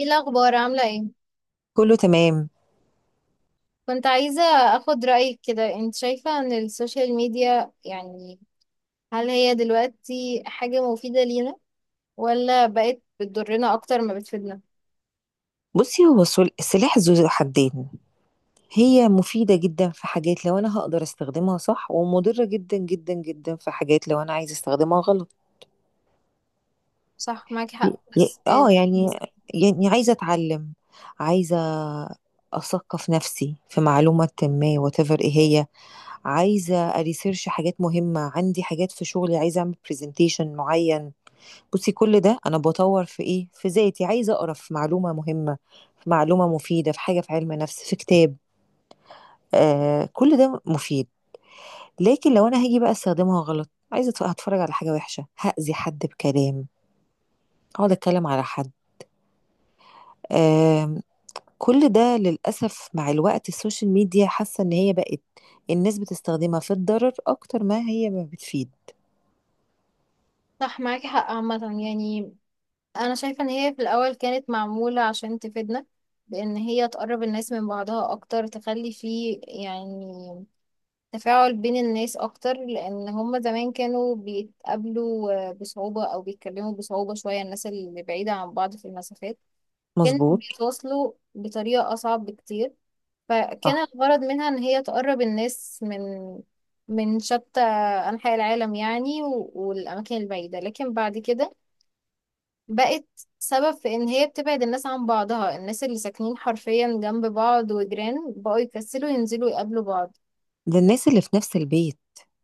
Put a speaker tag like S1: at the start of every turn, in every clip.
S1: ايه الاخبار؟ عامله ايه؟
S2: كله تمام.
S1: كنت عايزه اخد رايك كده. انت شايفه ان السوشيال ميديا يعني هل هي دلوقتي حاجه مفيده لينا؟ ولا بقت بتضرنا اكتر ما بتفيدنا؟
S2: بصي هو السلاح ذو حدين. هي مفيدة جدا في حاجات لو أنا هقدر استخدمها صح، ومضرة جدا جدا جدا في حاجات لو أنا عايزة استخدمها غلط.
S1: صح، معاكي
S2: ي-
S1: حق،
S2: ي-
S1: بس
S2: اه يعني يعني عايزة أتعلم، عايزة أثقف نفسي في معلومة ما whatever إيه هي، عايزة أريسيرش حاجات مهمة، عندي حاجات في شغلي عايزة أعمل برزنتيشن معين. بصي كل ده انا بطور في ايه، في ذاتي، عايزه اقرا في معلومه مهمه، في معلومه مفيده، في حاجه في علم نفس، في كتاب. آه، كل ده مفيد. لكن لو انا هاجي بقى استخدمها غلط، عايزه هتفرج على حاجه وحشه، هاذي حد بكلام، اقعد اتكلم على حد، آه، كل ده للاسف. مع الوقت السوشيال ميديا حاسه ان هي بقت، الناس بتستخدمها في الضرر اكتر ما هي ما بتفيد.
S1: صح معاكي حق. عامه يعني انا شايفه ان هي في الاول كانت معموله عشان تفيدنا، بان هي تقرب الناس من بعضها اكتر، تخلي فيه يعني تفاعل بين الناس أكتر، لأن هما زمان كانوا بيتقابلوا بصعوبة أو بيتكلموا بصعوبة شوية، الناس اللي بعيدة عن بعض في المسافات كانوا
S2: مظبوط.
S1: بيتواصلوا بطريقة أصعب بكتير. فكان
S2: صح.
S1: الغرض منها إن هي تقرب الناس من من شتى أنحاء العالم يعني والأماكن البعيدة، لكن بعد كده بقت سبب في إن هي بتبعد الناس عن بعضها. الناس اللي ساكنين حرفيا جنب بعض وجيران بقوا يكسلوا ينزلوا يقابلوا بعض،
S2: للناس اللي في نفس البيت،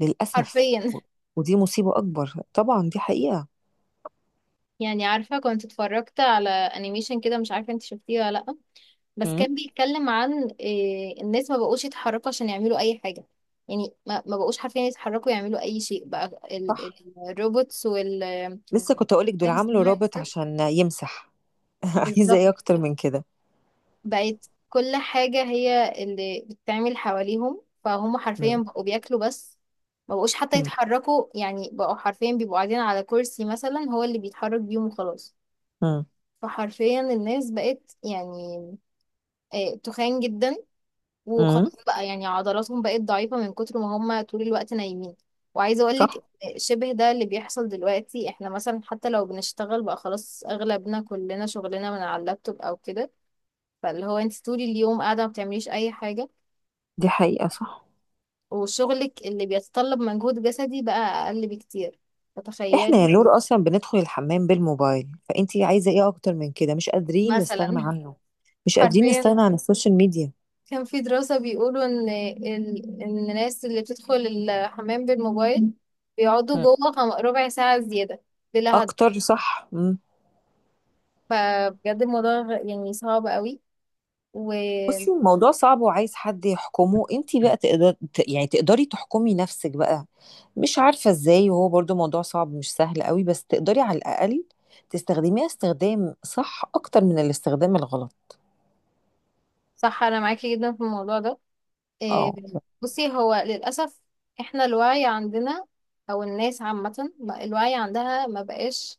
S2: للاسف.
S1: حرفيا.
S2: ودي مصيبة أكبر طبعا، دي حقيقة.
S1: يعني عارفة، كنت اتفرجت على انيميشن كده، مش عارفة انت شفتيه ولا لأ، بس
S2: مم.
S1: كان بيتكلم عن إيه؟ الناس ما بقوش يتحركوا عشان يعملوا اي حاجة. يعني ما بقوش حرفيا يتحركوا يعملوا اي شيء بقى. ال- ال-
S2: صح.
S1: الروبوتس وال الذكاء
S2: لسه كنت اقولك دول عملوا
S1: الاصطناعي
S2: رابط
S1: وكده.
S2: عشان يمسح. عايزه
S1: بالظبط،
S2: ايه اكتر من كده؟
S1: بقت كل حاجة هي اللي بتتعمل حواليهم، فهم حرفيا
S2: مم.
S1: بقوا بياكلوا بس، ما بقوش حتى
S2: مم.
S1: يتحركوا. يعني بقوا حرفيا بيبقوا قاعدين على كرسي مثلا هو اللي بيتحرك بيهم وخلاص.
S2: مم.
S1: فحرفيا الناس بقت يعني تخان جدا،
S2: مم.
S1: وخلاص بقى يعني عضلاتهم بقت ضعيفة من كتر ما هم طول الوقت نايمين. وعايزة اقولك
S2: صح،
S1: شبه ده اللي بيحصل دلوقتي. احنا مثلا حتى لو بنشتغل بقى خلاص اغلبنا كلنا شغلنا من على اللابتوب او كده، فاللي هو انت طول اليوم قاعدة ما بتعمليش اي حاجة،
S2: دي حقيقه، صح.
S1: وشغلك اللي بيتطلب مجهود جسدي بقى اقل بكتير.
S2: احنا يا
S1: فتخيلي
S2: نور اصلا بندخل الحمام بالموبايل، فانتي عايزه ايه اكتر من كده؟ مش قادرين نستغنى
S1: مثلا.
S2: عنه، مش قادرين نستغنى
S1: حرفيا.
S2: عن السوشيال ميديا.
S1: كان في دراسة بيقولوا إن إن الناس اللي بتدخل الحمام بالموبايل بيقعدوا
S2: مم.
S1: جوه ربع ساعة زيادة بلا هدف.
S2: اكتر، صح.
S1: فبجد الموضوع يعني صعب قوي،
S2: بصي
S1: وصح.
S2: الموضوع صعب وعايز حد يحكمه. انتي بقى تقدر تقدري تحكمي نفسك بقى، مش عارفة ازاي. وهو برضو موضوع صعب، مش سهل قوي، بس تقدري على الأقل تستخدميها استخدام صح أكتر من الاستخدام الغلط.
S1: أنا معاكي جدا في الموضوع ده. إيه،
S2: اه.
S1: بصي، هو للأسف إحنا الوعي عندنا أو الناس عامة الوعي عندها ما بقاش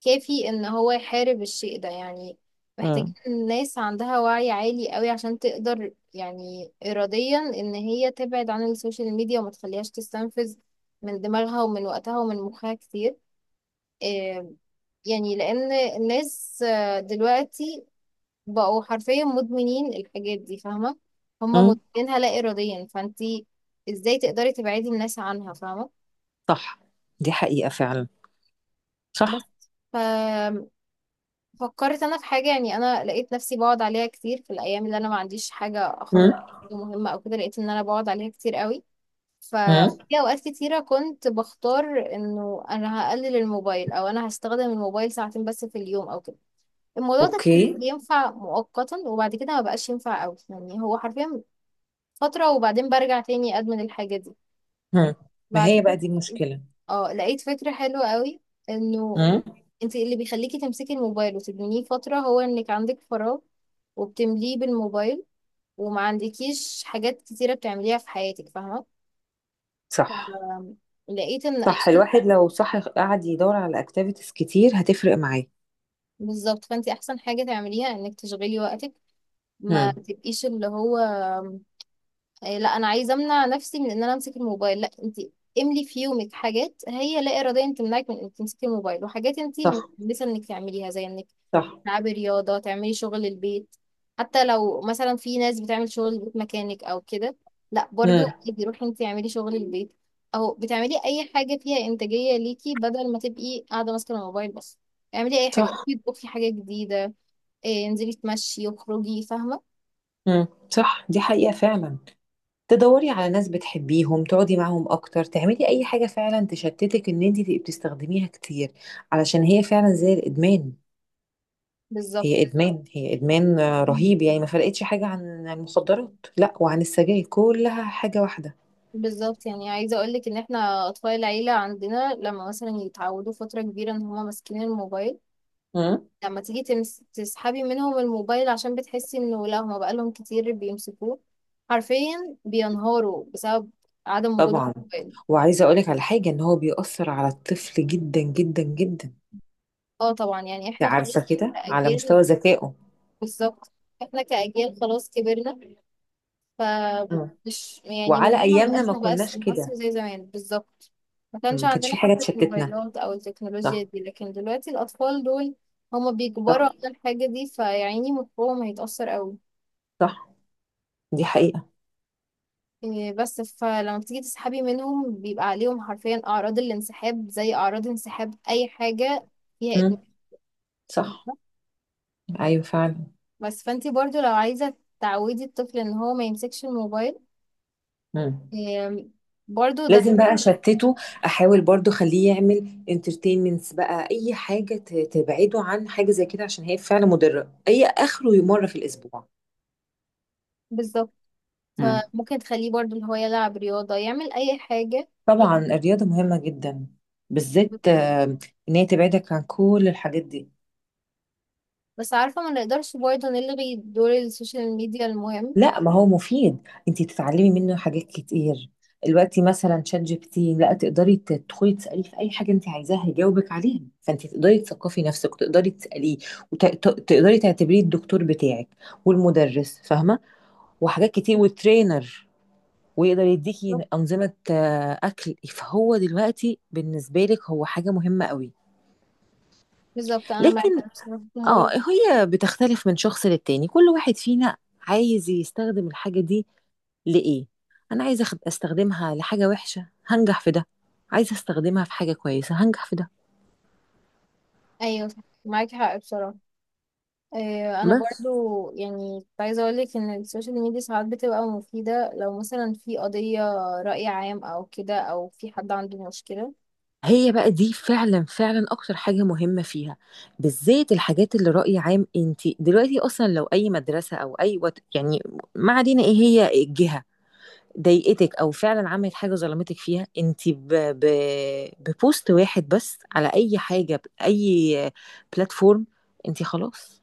S1: كافي ان هو يحارب الشيء ده. يعني محتاجين
S2: امم.
S1: الناس عندها وعي عالي قوي عشان تقدر يعني اراديا ان هي تبعد عن السوشيال ميديا وما تخليهاش تستنفذ من دماغها ومن وقتها ومن مخها كتير. آه، يعني لان الناس دلوقتي بقوا حرفيا مدمنين الحاجات دي، فاهمة؟ هم
S2: امم.
S1: مدمنينها لا اراديا، فانتي ازاي تقدري تبعدي الناس عنها؟ فاهمة؟
S2: صح، دي حقيقة فعلا.
S1: بس
S2: صح.
S1: فكرت انا في حاجه. يعني انا لقيت نفسي بقعد عليها كتير في الايام اللي انا ما عنديش حاجه
S2: امم.
S1: اخلص مهمه او كده. لقيت ان انا بقعد عليها كتير قوي. ف
S2: امم.
S1: في اوقات كتيره كنت بختار انه انا هقلل الموبايل، او انا هستخدم الموبايل ساعتين بس في اليوم او كده. الموضوع ده كان
S2: اوكي.
S1: بينفع مؤقتا وبعد كده ما بقاش ينفع قوي. يعني هو حرفيا فتره وبعدين برجع تاني ادمن الحاجه دي.
S2: امم. ما هي بقى
S1: بعدين
S2: دي المشكلة.
S1: اه لقيت فكره حلوه قوي، انه
S2: امم.
S1: انت اللي بيخليكي تمسكي الموبايل وتدمنيه فترة هو انك عندك فراغ وبتمليه بالموبايل، وما عندكيش حاجات كتيرة بتعمليها في حياتك، فاهمة؟
S2: صح.
S1: فلقيت ان
S2: صح،
S1: احسن
S2: الواحد
S1: حاجة،
S2: لو صح قعد يدور على اكتيفيتيز كتير هتفرق معاه.
S1: بالظبط، فانت احسن حاجة تعمليها انك تشغلي وقتك. ما
S2: امم.
S1: تبقيش اللي هو إيه، لا انا عايزه امنع نفسي من ان انا امسك الموبايل. لا، انت املي في يومك حاجات هي لا اراديه انت تمنعك من انك تمسكي الموبايل، وحاجات انت
S2: صح.
S1: متحمسه انك تعمليها، زي انك
S2: صح.
S1: تلعبي رياضه، تعملي شغل البيت. حتى لو مثلا في ناس بتعمل شغل البيت مكانك او كده، لا برضو
S2: امم.
S1: عادي روحي انت اعملي شغل البيت، او بتعملي اي حاجه فيها انتاجيه ليكي بدل ما تبقي قاعده ماسكه الموبايل بس. اعملي اي حاجه،
S2: صح.
S1: روحي اطبخي حاجه جديده، انزلي تمشي واخرجي، فاهمه؟
S2: إمم، صح، دي حقيقة فعلًا. تدوّري على ناس بتحبيهم، تقعدي معاهم أكتر، تعملي أي حاجة فعلًا تشتتِك إن أنتِ تبقي بتستخدميها كتير، علشان هي فعلًا زي الإدمان. هي
S1: بالظبط.
S2: إدمان، هي إدمان، آه، رهيب، يعني ما فرقتش حاجة عن المخدرات، لأ وعن السجاير، كلّها حاجة واحدة.
S1: بالظبط يعني عايزة اقولك ان احنا اطفال العيلة عندنا لما مثلا يتعودوا فترة كبيرة ان هما ماسكين الموبايل،
S2: إمم.
S1: لما تيجي تسحبي منهم الموبايل عشان بتحسي انه لا هما بقالهم كتير بيمسكوه، حرفيا بينهاروا بسبب عدم وجود
S2: طبعًا.
S1: الموبايل.
S2: وعايزة أقول لِك على حاجة، إن هو بيأثّر على الطفل جدًا، جدًا، جدًا،
S1: اه طبعا يعني
S2: أنتِ
S1: احنا
S2: عارفة
S1: خلاص
S2: كده، على مستوى
S1: كأجيال،
S2: ذكائه.
S1: بالظبط، احنا كأجيال خلاص كبرنا. ف
S2: إمم.
S1: مش يعني
S2: وعلى
S1: الموضوع
S2: أيامنا ما
S1: مبقاش
S2: كناش كده،
S1: مؤثر زي زمان بالظبط. ما
S2: إمم،
S1: كانش
S2: ما كانش
S1: عندنا
S2: في حاجة
S1: حتى
S2: تشتتنا.
S1: الموبايلات او التكنولوجيا
S2: صح.
S1: دي، لكن دلوقتي الاطفال دول هما
S2: صح.
S1: بيجبروا على الحاجة دي، فيعني مخهم هيتأثر قوي.
S2: صح، دي حقيقة.
S1: إيه بس فلما بتيجي تسحبي منهم بيبقى عليهم حرفيا اعراض الانسحاب، زي اعراض انسحاب اي حاجة فيها ادمان.
S2: امم. صح. ايوه فعلا.
S1: بس فانتي برضو لو عايزة تعودي الطفل ان هو ما يمسكش الموبايل،
S2: امم.
S1: إيه، برضو ده
S2: لازم بقى اشتته، احاول برضو اخليه يعمل انترتينمنتس بقى، اي حاجة تبعده عن حاجة زي كده، عشان هي فعلا مضرة. اي اخره مرة في الاسبوع.
S1: بالظبط.
S2: امم.
S1: فممكن تخليه برضو اللي هو يلعب رياضة، يعمل أي حاجة.
S2: طبعا الرياضة مهمة جدا، بالذات آه، ان هي تبعدك عن كل الحاجات دي.
S1: بس عارفة، ما نقدرش برضه نلغي دور السوشيال ميديا المهم.
S2: لا، ما هو مفيد، انت تتعلمي منه حاجات كتير. دلوقتي مثلا شات جي بي تي، لا تقدري تدخلي تساليه في اي حاجه انت عايزاها يجاوبك عليها، فانت تقدري تثقفي نفسك وتقدري تساليه، وتقدري تعتبريه الدكتور بتاعك والمدرس، فاهمه؟ وحاجات كتير، والترينر، ويقدر يديكي
S1: بالظبط.
S2: انظمه آه، اكل. فهو دلوقتي بالنسبه لك هو حاجه مهمه قوي.
S1: بالظبط أنا
S2: لكن
S1: معاكي بصراحة في الموضوع
S2: اه
S1: ده.
S2: هي بتختلف من شخص للتاني، كل واحد فينا عايز يستخدم الحاجه دي لإيه. أنا عايزة أخد أستخدمها لحاجة وحشة هنجح في ده، عايزة أستخدمها في حاجة كويسة هنجح في ده.
S1: أيوة صح، معاكي حق بصراحة. أنا
S2: بس
S1: برضو يعني كنت عايزة أقولك إن السوشيال ميديا ساعات بتبقى مفيدة، لو مثلا في قضية رأي عام أو كده، أو في حد عنده مشكلة.
S2: هي بقى دي فعلا فعلا أكتر حاجة مهمة فيها، بالذات الحاجات اللي رأي عام. أنت دلوقتي أصلا لو أي مدرسة أو أي وات، يعني ما علينا إيه هي الجهة، ضايقتك او فعلا عملت حاجه ظلمتك فيها، انت ببوست واحد بس على اي حاجه، باي بلاتفورم، انت خلاص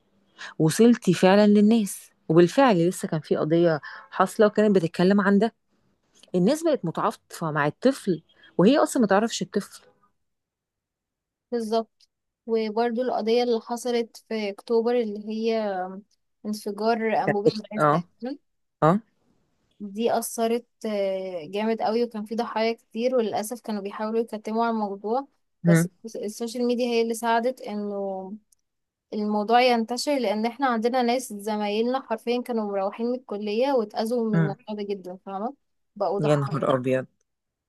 S2: وصلتي فعلا للناس. وبالفعل لسه كان في قضية حاصلة وكانت بتتكلم عن ده، الناس بقت متعاطفة مع الطفل وهي أصلا ما تعرفش الطفل.
S1: بالظبط. وبرضو القضية اللي حصلت في أكتوبر اللي هي انفجار أنبوبة غاز
S2: اه.
S1: تقريباً،
S2: اه.
S1: دي أثرت جامد قوي، وكان في ضحايا كتير، وللأسف كانوا بيحاولوا يكتموا على الموضوع، بس
S2: مم.
S1: السوشيال ميديا هي اللي ساعدت انه الموضوع ينتشر، لان احنا عندنا ناس زمايلنا حرفيا كانوا مروحين من الكلية واتأذوا من
S2: مم.
S1: الموضوع ده جدا، فاهمة؟ بقوا
S2: يا
S1: ضحايا.
S2: نهار أبيض.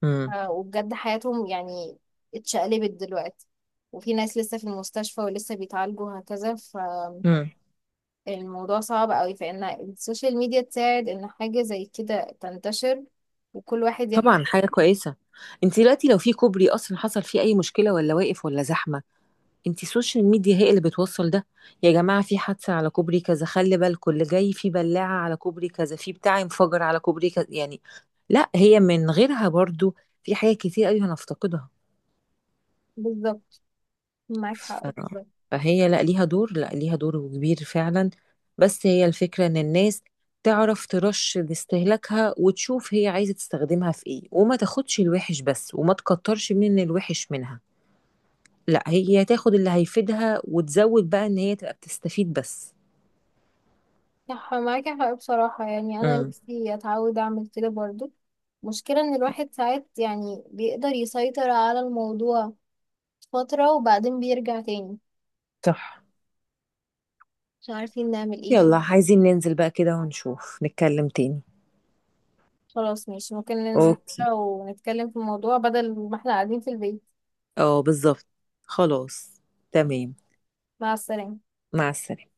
S2: مم.
S1: وبجد حياتهم يعني اتشقلبت دلوقتي، وفي ناس لسه في المستشفى ولسه بيتعالجوا هكذا.
S2: مم.
S1: فالموضوع صعب قوي، فإن السوشيال ميديا تساعد إن حاجة زي كده تنتشر وكل واحد ياخد
S2: طبعا حاجة كويسة. انت دلوقتي لو في كوبري أصلا حصل فيه أي مشكلة ولا واقف ولا زحمة، انتي السوشيال ميديا هي اللي بتوصل ده. يا جماعة في حادثة على كوبري كذا، خلي بالكم اللي جاي في بلاعة على كوبري كذا، في بتاع انفجر على كوبري كذا، يعني لا هي من غيرها برضو في حاجات كتير قوي هنفتقدها.
S1: بالظبط. معاك
S2: ف...
S1: حق بصراحة.
S2: فهي لا ليها دور، لا ليها دور كبير فعلا. بس هي الفكرة ان الناس تعرف ترش لاستهلاكها، وتشوف هي عايزة تستخدمها في ايه، وما تاخدش الوحش بس، وما تكترش من الوحش منها، لا هي تاخد اللي هيفيدها وتزود بقى ان هي تبقى بتستفيد بس.
S1: صح، معاك حق بصراحة. يعني أنا
S2: امم.
S1: نفسي أتعود أعمل كده برضو. مشكلة إن الواحد ساعات يعني بيقدر يسيطر على الموضوع فترة وبعدين بيرجع تاني،
S2: صح.
S1: مش عارفين نعمل إيه في-
S2: يلا عايزين ننزل بقى كده ونشوف، نتكلم تاني.
S1: خلاص ماشي، ممكن ننزل
S2: اوكي.
S1: كده ونتكلم في الموضوع بدل ما إحنا قاعدين في البيت.
S2: اه بالظبط. خلاص. تمام.
S1: مع السلامة.
S2: مع السلامة.